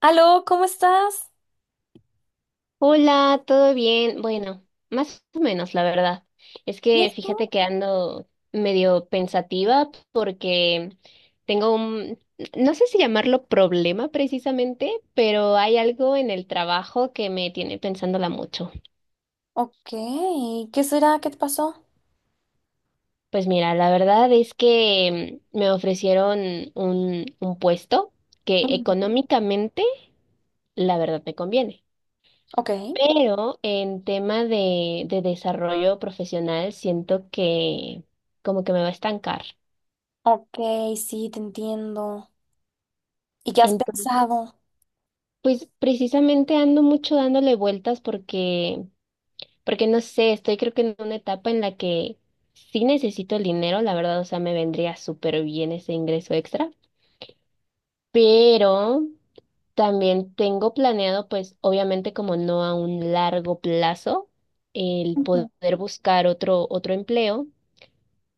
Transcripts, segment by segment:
Aló, ¿cómo estás? Hola, ¿todo bien? Bueno, más o menos, la verdad. Es ¿Y que fíjate esto? que ando medio pensativa porque tengo no sé si llamarlo problema precisamente, pero hay algo en el trabajo que me tiene pensándola mucho. Ok, ¿qué será? ¿Qué te pasó? Pues mira, la verdad es que me ofrecieron un puesto que Ujú. económicamente, la verdad, me conviene. Ok, Pero en tema de desarrollo profesional, siento que como que me va a estancar. ok, sí, te entiendo. ¿Y qué has Entonces, pensado? pues precisamente ando mucho dándole vueltas porque no sé, estoy creo que en una etapa en la que sí necesito el dinero, la verdad, o sea, me vendría súper bien ese ingreso extra, pero también tengo planeado, pues obviamente como no a un largo plazo, el Ujú. poder buscar otro empleo,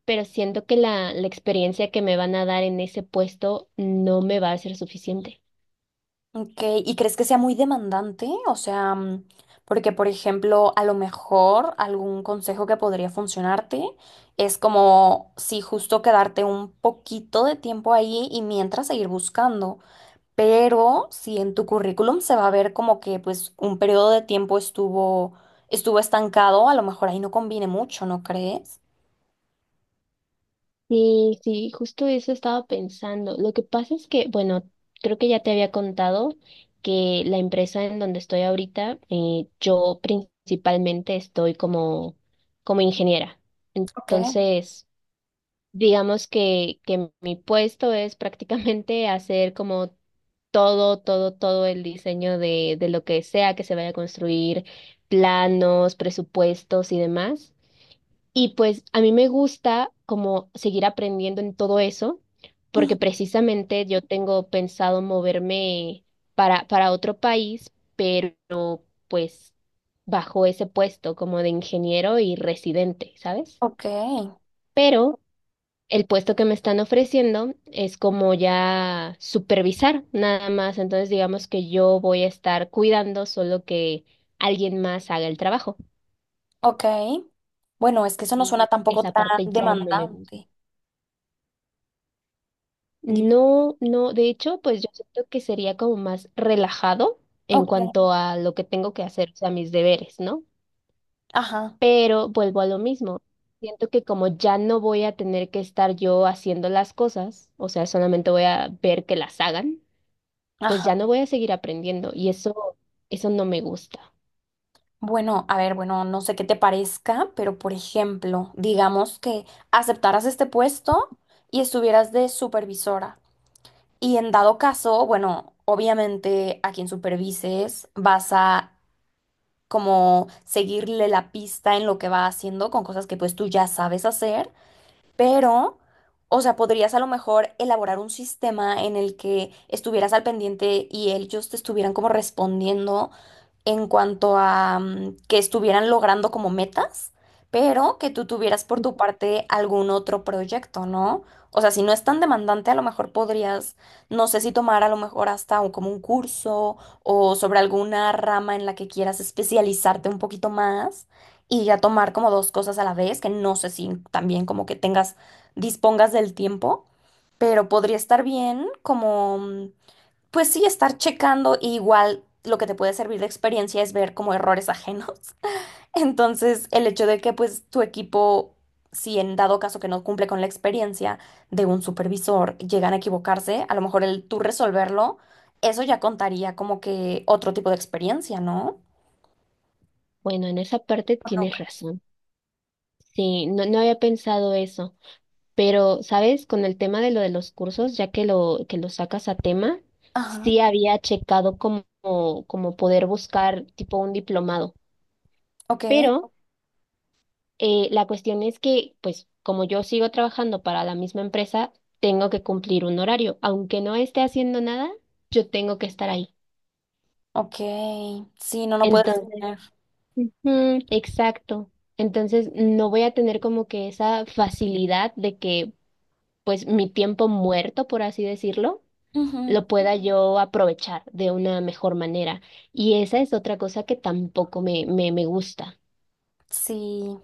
pero siento que la experiencia que me van a dar en ese puesto no me va a ser suficiente. Ok, ¿y crees que sea muy demandante? O sea, porque por ejemplo, a lo mejor algún consejo que podría funcionarte es como si justo quedarte un poquito de tiempo ahí y mientras seguir buscando. Pero si en tu currículum se va a ver como que pues un periodo de tiempo estuvo estancado, a lo mejor ahí no conviene mucho, ¿no crees? Sí, sí, justo eso estaba pensando. Lo que pasa es que, bueno, creo que ya te había contado que la empresa en donde estoy ahorita, yo principalmente estoy como ingeniera. Ok. Entonces, digamos que mi puesto es prácticamente hacer como todo el diseño de lo que sea que se vaya a construir, planos, presupuestos y demás. Y pues a mí me gusta como seguir aprendiendo en todo eso, Ujú. porque precisamente yo tengo pensado moverme para otro país, pero pues bajo ese puesto como de ingeniero y residente, ¿sabes? Ok, Pero... el puesto que me están ofreciendo es como ya supervisar nada más, entonces digamos que yo voy a estar cuidando, solo que alguien más haga el trabajo. ok. Bueno, es que eso no Y suena tampoco esa tan parte ya no me gusta. demandante. Dime. No, no, de hecho, pues yo siento que sería como más relajado en Ok, cuanto a lo que tengo que hacer, o sea, mis deberes, ¿no? ajá, Pero vuelvo a lo mismo. Siento que como ya no voy a tener que estar yo haciendo las cosas, o sea, solamente voy a ver que las hagan, pues ya no ajá. voy a seguir aprendiendo y eso no me gusta. Bueno, a ver, bueno, no sé qué te parezca, pero por ejemplo, digamos que aceptaras este puesto y estuvieras de supervisora. Y en dado caso, bueno, obviamente a quien supervises vas a como seguirle la pista en lo que va haciendo con cosas que pues tú ya sabes hacer pero, o sea, podrías a lo mejor elaborar un sistema en el que estuvieras al pendiente y ellos te estuvieran como respondiendo en cuanto a que estuvieran logrando como metas, pero que tú tuvieras por tu parte algún otro proyecto, ¿no? O sea, si no es tan demandante, a lo mejor podrías, no sé si tomar a lo mejor hasta como un curso o sobre alguna rama en la que quieras especializarte un poquito más y ya tomar como dos cosas a la vez, que no sé si también como que tengas, dispongas del tiempo, pero podría estar bien como, pues sí, estar checando y igual lo que te puede servir de experiencia es ver como errores ajenos. Entonces, el hecho de que pues tu equipo, si en dado caso que no cumple con la experiencia de un supervisor, llegan a equivocarse, a lo mejor el tú resolverlo, eso ya contaría como que otro tipo de experiencia, ¿no? Bueno, en esa parte ¿O no? tienes razón. Sí, no, no había pensado eso, pero, ¿sabes? Con el tema de lo de los cursos, ya que que lo sacas a tema, Ajá, sí había checado como poder buscar tipo un diplomado, ok. pero la cuestión es que, pues, como yo sigo trabajando para la misma empresa, tengo que cumplir un horario, aunque no esté haciendo nada, yo tengo que estar ahí. Ok, sí, no, no puedes Entonces. exponer. Ujú, exacto. Entonces no voy a tener como que esa facilidad de que pues mi tiempo muerto, por así decirlo, Ujú. lo pueda yo aprovechar de una mejor manera. Y esa es otra cosa que tampoco me gusta. Sí,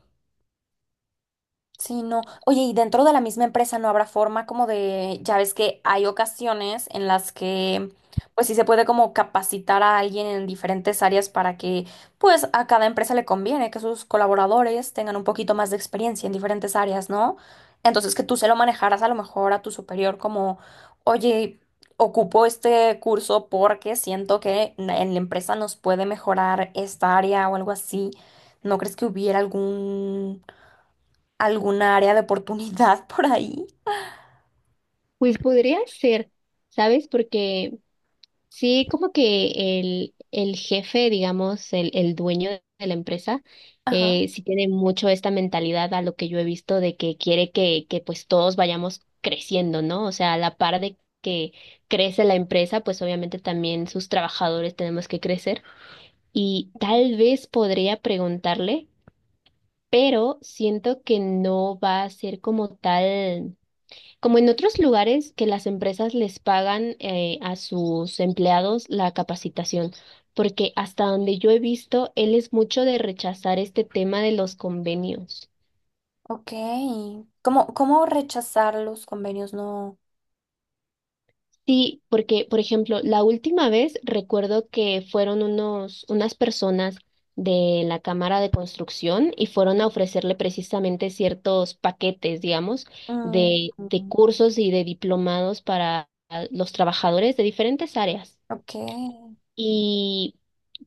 sí, no. Oye, y dentro de la misma empresa no habrá forma como de, ya ves que hay ocasiones en las que, pues sí se puede como capacitar a alguien en diferentes áreas para que, pues a cada empresa le conviene que sus colaboradores tengan un poquito más de experiencia en diferentes áreas, ¿no? Entonces que tú se lo manejaras a lo mejor a tu superior como, oye, ocupo este curso porque siento que en la empresa nos puede mejorar esta área o algo así. ¿No crees que hubiera algún alguna área de oportunidad por ahí? Pues podría ser, ¿sabes? Porque sí, como que el jefe, digamos, el dueño de la empresa, Ajá, sí tiene mucho esta mentalidad a lo que yo he visto de que quiere que pues todos vayamos creciendo, ¿no? O sea, a la par de que crece la empresa, pues obviamente también sus trabajadores tenemos que crecer. Y tal vez podría preguntarle, pero siento que no va a ser como tal. Como en otros lugares que las empresas les pagan a sus empleados la capacitación, porque hasta donde yo he visto, él es mucho de rechazar este tema de los convenios. ok. ¿Cómo, cómo rechazar los convenios? No. Sí, porque, por ejemplo, la última vez recuerdo que fueron unas personas de la Cámara de Construcción y fueron a ofrecerle precisamente ciertos paquetes, digamos, Mm, de mm, cursos y de diplomados para los trabajadores de diferentes áreas. ok. Y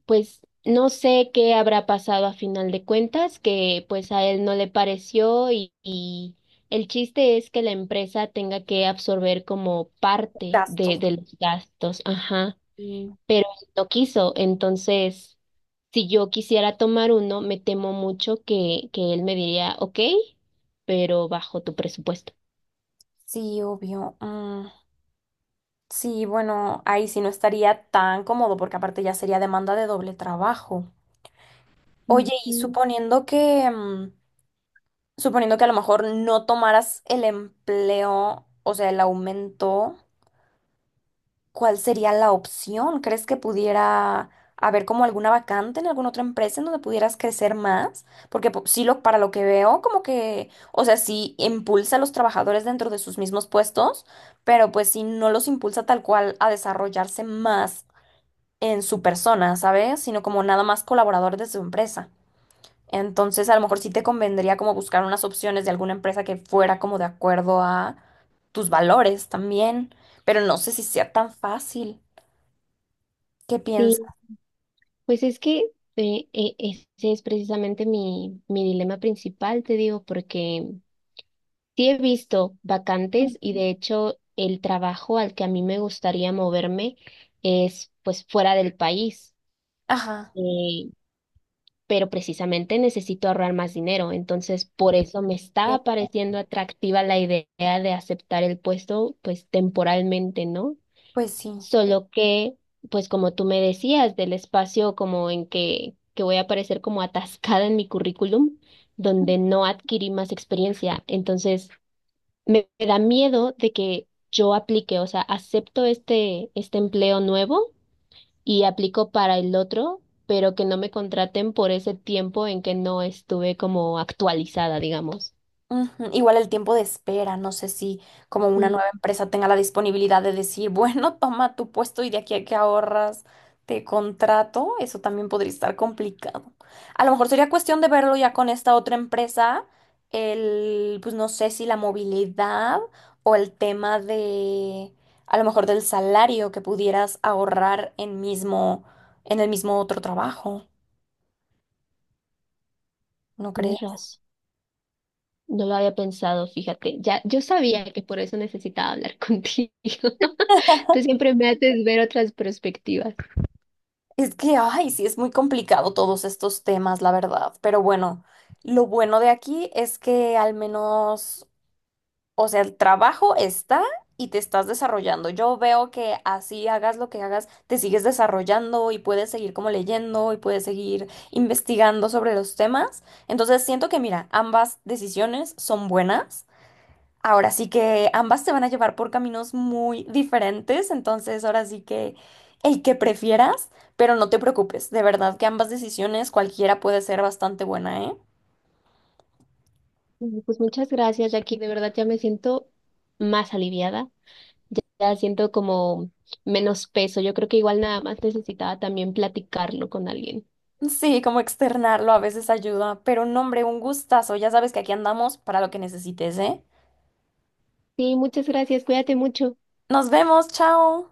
pues no sé qué habrá pasado a final de cuentas, que pues a él no le pareció y el chiste es que la empresa tenga que absorber como parte de, Gastos. de los gastos, ajá, Sí, pero él no quiso, entonces si yo quisiera tomar uno, me temo mucho que él me diría, ok, pero bajo tu presupuesto. sí, obvio. Mm, sí, bueno, ahí sí no estaría tan cómodo porque aparte ya sería demanda de doble trabajo. Oye, y Ujú. suponiendo que, suponiendo que a lo mejor no tomaras el empleo, o sea, el aumento. ¿Cuál sería la opción? ¿Crees que pudiera haber como alguna vacante en alguna otra empresa en donde pudieras crecer más? Porque sí, lo, para lo que veo, como que, o sea, sí impulsa a los trabajadores dentro de sus mismos puestos, pero pues sí no los impulsa tal cual a desarrollarse más en su persona, ¿sabes? Sino como nada más colaborador de su empresa. Entonces, a lo mejor sí te convendría como buscar unas opciones de alguna empresa que fuera como de acuerdo a tus valores también, pero no sé si sea tan fácil. ¿Qué piensas? Sí, pues es que eh, eh, ese es precisamente mi dilema principal, te digo, porque sí he visto vacantes y Ujú. de hecho el trabajo al que a mí me gustaría moverme es pues fuera del país, Ajá, eh, pero precisamente necesito ahorrar más dinero, entonces por eso me que estaba pareciendo atractiva la idea de aceptar el puesto pues temporalmente, ¿no? pues sí. Solo que, pues como tú me decías, del espacio como en que voy a aparecer como atascada en mi currículum, donde no adquirí más experiencia. Entonces, me da miedo de que yo aplique, o sea, acepto este empleo nuevo y aplico para el otro, pero que no me contraten por ese tiempo en que no estuve como actualizada, digamos. Ujú, igual el tiempo de espera, no sé si como una Mm, nueva empresa tenga la disponibilidad de decir, bueno, toma tu puesto y de aquí a que ahorras te contrato, eso también podría estar complicado. A lo mejor sería cuestión de verlo ya con esta otra empresa, el, pues no sé si la movilidad o el tema de, a lo mejor del salario que pudieras ahorrar en mismo, en el mismo otro trabajo, ¿no tienes crees? razón. No lo había pensado, fíjate. Ya, yo sabía que por eso necesitaba hablar contigo. Tú siempre me haces ver otras perspectivas. Es que, ay, sí, es muy complicado todos estos temas, la verdad. Pero bueno, lo bueno de aquí es que al menos, o sea, el trabajo está y te estás desarrollando. Yo veo que así hagas lo que hagas, te sigues desarrollando y puedes seguir como leyendo y puedes seguir investigando sobre los temas. Entonces, siento que, mira, ambas decisiones son buenas. Ahora sí que ambas te van a llevar por caminos muy diferentes, entonces ahora sí que el que prefieras, pero no te preocupes, de verdad que ambas decisiones cualquiera puede ser bastante buena, ¿eh? Bueno, pues muchas gracias, Jackie. De verdad ya me siento más aliviada. Ya, ya siento como menos peso. Yo creo que igual nada más necesitaba también platicarlo con alguien. Sí, como externarlo a veces ayuda, pero no, hombre, un gustazo, ya sabes que aquí andamos para lo que necesites, ¿eh? Sí, muchas gracias. Cuídate mucho. Nos vemos, chao.